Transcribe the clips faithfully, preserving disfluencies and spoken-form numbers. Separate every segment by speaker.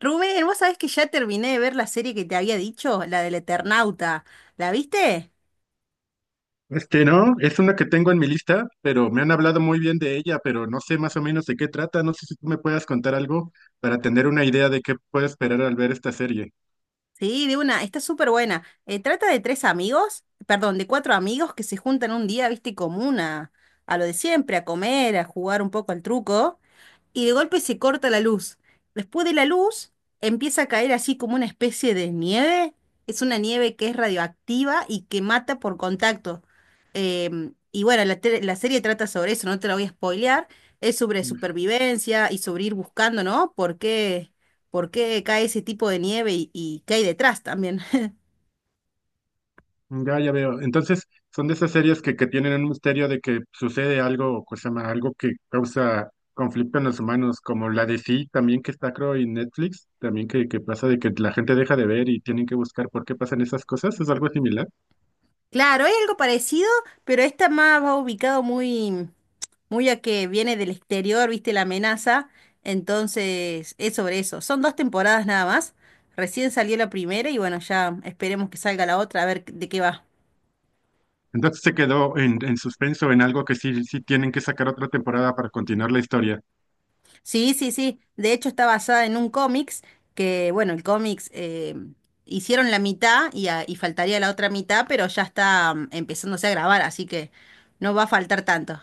Speaker 1: Rubén, vos sabés que ya terminé de ver la serie que te había dicho, la del Eternauta. ¿La viste?
Speaker 2: Este no, es una que tengo en mi lista, pero me han hablado muy bien de ella, pero no sé más o menos de qué trata. No sé si tú me puedas contar algo para tener una idea de qué puedo esperar al ver esta serie.
Speaker 1: Sí, de una, está súper buena. Eh, trata de tres amigos, perdón, de cuatro amigos que se juntan un día, viste, común a, a lo de siempre, a comer, a jugar un poco al truco. Y de golpe se corta la luz. Después de la luz empieza a caer así como una especie de nieve. Es una nieve que es radioactiva y que mata por contacto. Em, y bueno, la, tele- la serie trata sobre eso, no te la voy a spoilear. Es sobre
Speaker 2: Mm.
Speaker 1: supervivencia y sobre ir buscando, ¿no? ¿Por qué, por qué cae ese tipo de nieve y, y qué hay detrás también?
Speaker 2: Ya, ya veo. Entonces, son de esas series que, que tienen un misterio de que sucede algo, cosa más, algo que causa conflicto en los humanos, como la de Sí, también que está creo en Netflix, también que, que pasa de que la gente deja de ver y tienen que buscar por qué pasan esas cosas. ¿Es algo similar?
Speaker 1: Claro, es algo parecido, pero esta más va ubicado muy, muy a que viene del exterior, viste, la amenaza. Entonces, es sobre eso. Son dos temporadas nada más. Recién salió la primera y bueno, ya esperemos que salga la otra a ver de qué va.
Speaker 2: Entonces se quedó en, en suspenso, en algo que sí, sí tienen que sacar otra temporada para continuar la historia.
Speaker 1: Sí, sí, sí. De hecho, está basada en un cómics que, bueno, el cómics eh, hicieron la mitad y, a- y faltaría la otra mitad, pero ya está mm, empezándose a grabar, así que no va a faltar tanto.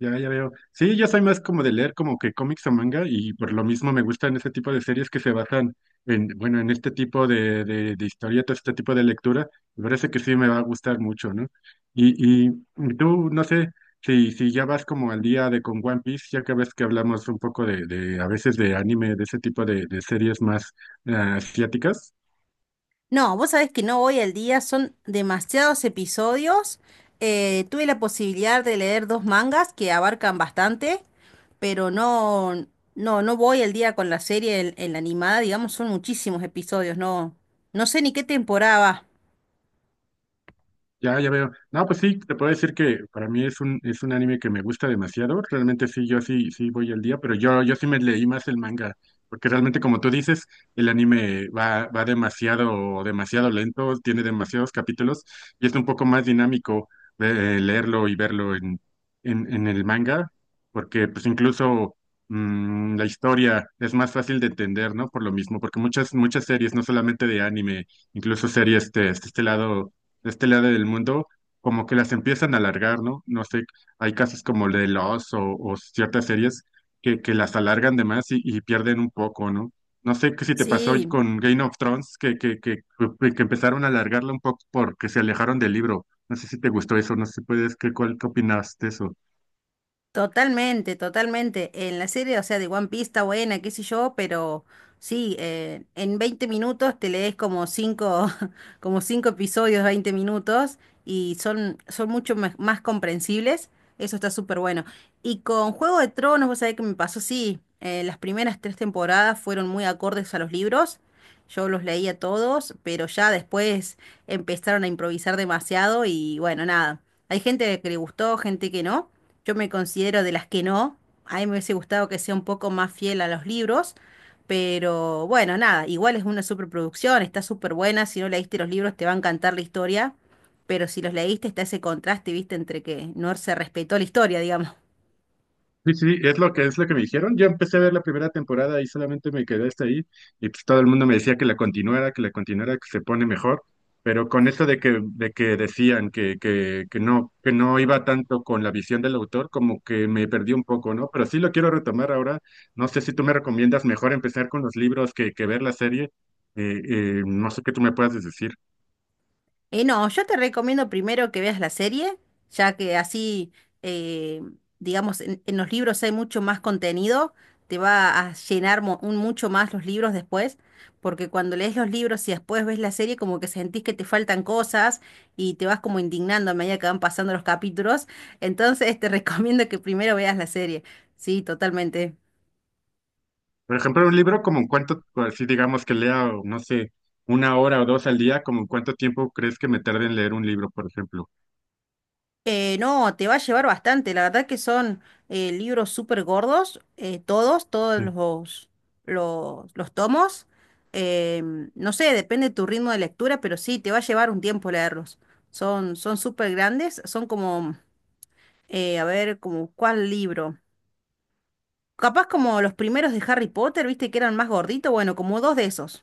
Speaker 2: Ya, ya veo. Sí, yo soy más como de leer como que cómics o manga y por lo mismo me gustan ese tipo de series que se basan en, bueno, en este tipo de, de, de historietas, este tipo de lectura. Me parece que sí me va a gustar mucho, ¿no? Y, y tú, no sé, si, si ya vas como al día de con One Piece, ya que ves que hablamos un poco de, de a veces de anime, de ese tipo de, de series más eh, asiáticas.
Speaker 1: No, vos sabés que no voy al día, son demasiados episodios. Eh, tuve la posibilidad de leer dos mangas que abarcan bastante, pero no, no, no voy al día con la serie, en, en la animada, digamos, son muchísimos episodios, no, no sé ni qué temporada va.
Speaker 2: Ya, ya veo. No, pues sí, te puedo decir que para mí es un, es un anime que me gusta demasiado. Realmente sí, yo sí, sí voy al día, pero yo, yo sí me leí más el manga, porque realmente como tú dices, el anime va, va demasiado, demasiado lento, tiene demasiados capítulos y es un poco más dinámico de eh, leerlo y verlo en, en, en el manga, porque pues incluso mm, la historia es más fácil de entender, ¿no? Por lo mismo, porque muchas, muchas series, no solamente de anime, incluso series de, de este lado de este lado del mundo, como que las empiezan a alargar, ¿no? No sé, hay casos como el de Lost o, o ciertas series que, que las alargan de más y, y pierden un poco, ¿no? No sé qué si te pasó hoy
Speaker 1: Sí,
Speaker 2: con Game of Thrones, que, que, que, que que empezaron a alargarla un poco porque se alejaron del libro. No sé si te gustó eso, no sé si puedes, ¿qué, cuál, qué opinas de eso?
Speaker 1: totalmente, totalmente. En la serie, o sea, de One Piece está buena, qué sé yo, pero sí, eh, en veinte minutos te lees como cinco, como cinco episodios, veinte minutos, y son, son mucho me- más comprensibles. Eso está súper bueno. Y con Juego de Tronos, vos sabés que me pasó, sí, eh, las primeras tres temporadas fueron muy acordes a los libros. Yo los leía todos, pero ya después empezaron a improvisar demasiado y bueno, nada. Hay gente que le gustó, gente que no. Yo me considero de las que no. A mí me hubiese gustado que sea un poco más fiel a los libros, pero bueno, nada, igual es una superproducción, está súper buena. Si no leíste los libros, te va a encantar la historia, pero si los leíste, está ese contraste, viste, entre que no se respetó la historia, digamos.
Speaker 2: Sí, sí, es lo que es lo que me dijeron. Yo empecé a ver la primera temporada y solamente me quedé hasta ahí y pues todo el mundo me decía que la continuara, que la continuara, que se pone mejor, pero con eso de que de que decían que que que no que no iba tanto con la visión del autor, como que me perdí un poco, ¿no? Pero sí lo quiero retomar ahora. No sé si tú me recomiendas mejor empezar con los libros que que ver la serie. Eh, eh, no sé qué tú me puedas decir.
Speaker 1: Eh, no, yo te recomiendo primero que veas la serie, ya que así, eh, digamos, en, en los libros hay mucho más contenido, te va a llenar mo- un mucho más los libros después, porque cuando lees los libros y después ves la serie, como que sentís que te faltan cosas y te vas como indignando a medida que van pasando los capítulos, entonces te recomiendo que primero veas la serie, sí, totalmente.
Speaker 2: Por ejemplo, un libro como en cuánto, así digamos que lea, o no sé, una hora o dos al día, como en cuánto tiempo crees que me tarde en leer un libro, por ejemplo.
Speaker 1: Eh, no, te va a llevar bastante. La verdad que son eh, libros súper gordos, eh, todos, todos
Speaker 2: Sí,
Speaker 1: los, los, los tomos. Em, no sé, depende de tu ritmo de lectura, pero sí, te va a llevar un tiempo leerlos. Son, son súper grandes, son como, eh, a ver, como cuál libro. Capaz como los primeros de Harry Potter, viste que eran más gorditos, bueno, como dos de esos.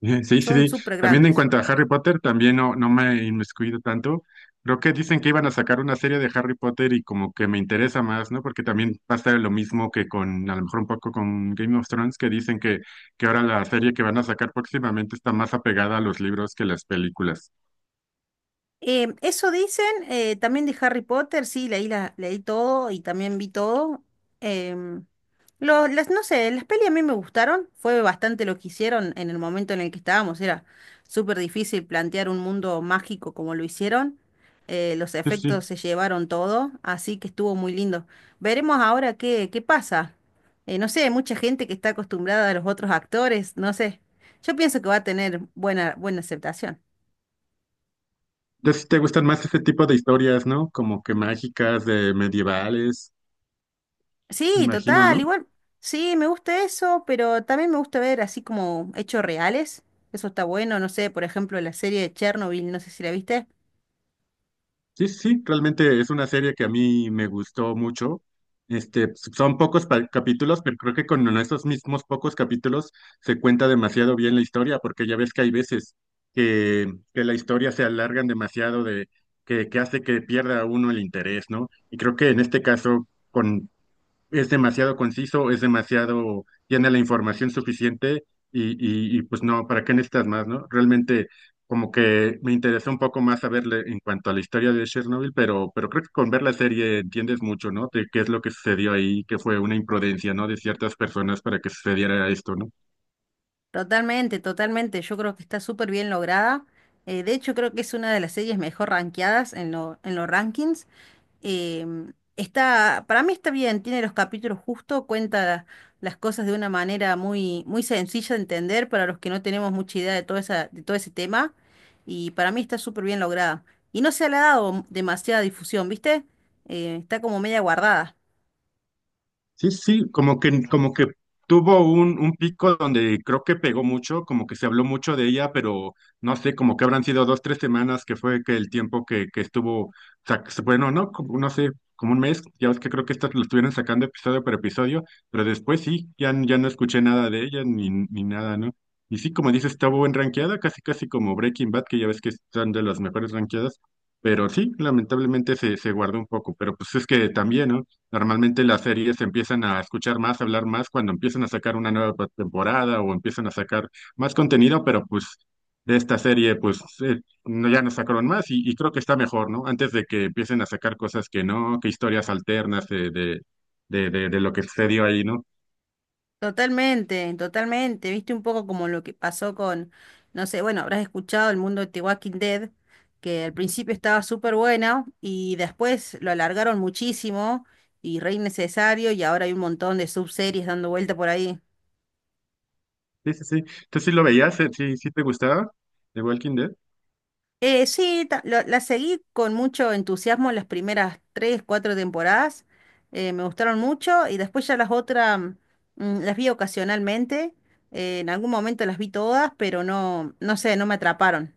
Speaker 2: sí, sí.
Speaker 1: Son
Speaker 2: Sí.
Speaker 1: súper
Speaker 2: También en
Speaker 1: grandes.
Speaker 2: cuanto a Harry Potter, también no, no me he inmiscuido tanto. Creo que dicen que iban a sacar una serie de Harry Potter y como que me interesa más, ¿no? Porque también pasa lo mismo que con, a lo mejor un poco con Game of Thrones, que dicen que, que ahora la serie que van a sacar próximamente está más apegada a los libros que las películas.
Speaker 1: Em, eso dicen, eh, también de Harry Potter, sí, leí, la, leí todo y también vi todo. Em, lo- las, no sé, las pelis a mí me gustaron, fue bastante lo que hicieron en el momento en el que estábamos, era súper difícil plantear un mundo mágico como lo hicieron, eh, los
Speaker 2: Sí, sí.
Speaker 1: efectos se llevaron todo, así que estuvo muy lindo. Veremos ahora qué, qué pasa. Eh, no sé, hay mucha gente que está acostumbrada a los otros actores, no sé, yo pienso que va a tener buena, buena aceptación.
Speaker 2: Ya si te gustan más ese tipo de historias, ¿no? Como que mágicas, de medievales, me
Speaker 1: Sí,
Speaker 2: imagino,
Speaker 1: total,
Speaker 2: ¿no?
Speaker 1: igual. Sí, me gusta eso, pero también me gusta ver así como hechos reales. Eso está bueno, no sé, por ejemplo, la serie de Chernobyl, no sé si la viste.
Speaker 2: Sí, sí, sí, realmente es una serie que a mí me gustó mucho. Este, son pocos pa- capítulos, pero creo que con esos mismos pocos capítulos se cuenta demasiado bien la historia, porque ya ves que hay veces que, que la historia se alargan demasiado de que, que hace que pierda uno el interés, ¿no? Y creo que en este caso, con es demasiado conciso, es demasiado, tiene la información suficiente y, y- y, pues no, ¿para qué necesitas más, no? Realmente como que me interesó un poco más saberle en cuanto a la historia de Chernobyl, pero, pero creo que con ver la serie entiendes mucho, ¿no? De qué es lo que sucedió ahí, que fue una imprudencia, ¿no? De ciertas personas para que sucediera esto, ¿no?
Speaker 1: Totalmente, totalmente. Yo creo que está súper bien lograda. Eh, de hecho, creo que es una de las series mejor rankeadas en lo- en los rankings. Em, está, para mí está bien, tiene los capítulos justo, cuenta las cosas de una manera muy, muy sencilla de entender para los que no tenemos mucha idea de todo esa, de todo ese tema. Y para mí está súper bien lograda. Y no se le ha dado demasiada difusión, ¿viste? Eh, está como media guardada.
Speaker 2: Sí, sí, como que, como que tuvo un, un pico donde creo que pegó mucho, como que se habló mucho de ella, pero no sé, como que habrán sido dos, tres semanas que fue que el tiempo que, que estuvo, o sea, que se- bueno, no, como- no sé, como un mes, ya ves que creo que estas lo estuvieron sacando episodio por episodio, pero después sí, ya, n- ya no escuché nada de ella ni, ni nada, ¿no? Y sí, como dices, estuvo en rankeada, casi casi como Breaking Bad, que ya ves que están de las mejores rankeadas, pero sí, lamentablemente se, se guardó un poco, pero pues es que también, ¿no? Normalmente las series empiezan a escuchar más, hablar más cuando empiezan a sacar una nueva pa- temporada o empiezan a sacar más contenido, pero pues de esta serie pues eh, no, ya no sacaron más y, y creo que está mejor, ¿no? Antes de que empiecen a sacar cosas que no, que historias alternas eh, de, de, de, de lo que sucedió ahí, ¿no?
Speaker 1: Totalmente, totalmente. Viste un poco como lo que pasó con, no sé, bueno, habrás escuchado el mundo de The Walking Dead, que al principio estaba súper bueno y después lo alargaron muchísimo y re innecesario y ahora hay un montón de subseries dando vuelta por ahí.
Speaker 2: Sí, sí, sí. ¿Tú sí lo veías? Eh, ¿Sí, sí te gustaba The Walking Dead?
Speaker 1: Eh, sí, ta- lo- la seguí con mucho entusiasmo las primeras tres, cuatro temporadas. Eh, me gustaron mucho y después ya las otras mm, las vi ocasionalmente. Eh, en algún momento las vi todas, pero no, no sé, no me atraparon.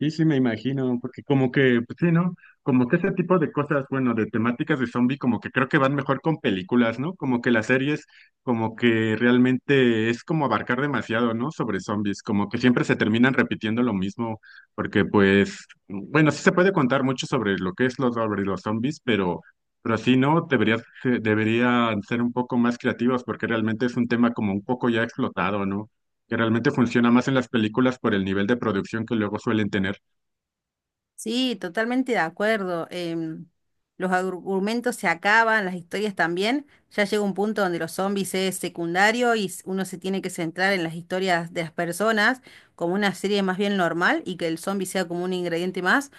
Speaker 2: Sí, sí, me imagino, porque como que, pues sí, ¿no? Como que ese tipo de cosas, bueno, de temáticas de zombie, como que creo que van mejor con películas, ¿no? Como que las series, como que realmente es como abarcar demasiado, ¿no? Sobre zombies, como que siempre se terminan repitiendo lo mismo, porque pues, bueno, sí se puede contar mucho sobre lo que es los, sobre los zombies, pero, pero sí, ¿no? Deberías, eh, deberían ser un poco más creativos, porque realmente es un tema como un poco ya explotado, ¿no? Que realmente funciona más en las películas por el nivel de producción que luego suelen tener.
Speaker 1: Sí, totalmente de acuerdo. Em, los argumentos se acaban, las historias también. Ya llega un punto donde los zombies es secundario y s- uno se tiene que centrar en las historias de las personas como una serie más bien normal y que el zombie sea como un ingrediente más.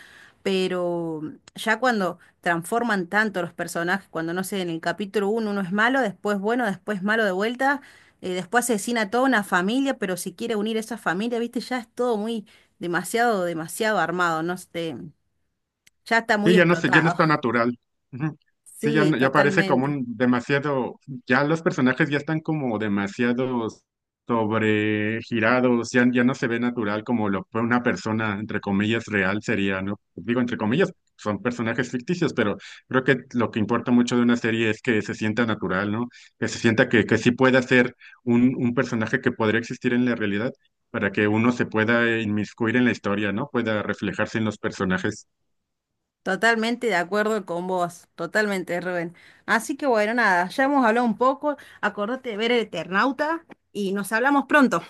Speaker 1: Pero ya cuando transforman tanto los personajes, cuando no sé, en el capítulo uno, uno es malo, después bueno, después malo de vuelta, eh, después asesina a toda una familia, pero si quiere unir a esa familia, viste, ya es todo muy demasiado, demasiado armado, no sé, ya está
Speaker 2: Sí,
Speaker 1: muy
Speaker 2: ya no sé, ya no es
Speaker 1: explotado.
Speaker 2: tan natural. Ujú. Sí, ya,
Speaker 1: Sí,
Speaker 2: no- ya parece como
Speaker 1: totalmente,
Speaker 2: un demasiado, ya los personajes ya están como demasiado sobregirados, ya, ya no se ve natural como lo fue una persona, entre comillas, real sería, ¿no? Digo, entre comillas, son personajes ficticios, pero creo que lo que importa mucho de una serie es que se sienta natural, ¿no? Que se sienta que, que sí pueda ser un, un personaje que podría existir en la realidad para que uno se pueda inmiscuir en la historia, ¿no? Pueda reflejarse en los personajes.
Speaker 1: totalmente de acuerdo con vos, totalmente, Rubén. Así que bueno, nada, ya hemos hablado un poco, acordate de ver el Eternauta y nos hablamos pronto.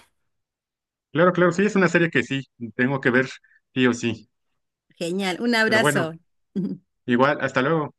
Speaker 2: Claro, claro, sí, es una serie que sí, tengo que ver, sí o sí.
Speaker 1: Genial, un
Speaker 2: Pero bueno,
Speaker 1: abrazo.
Speaker 2: igual, hasta luego.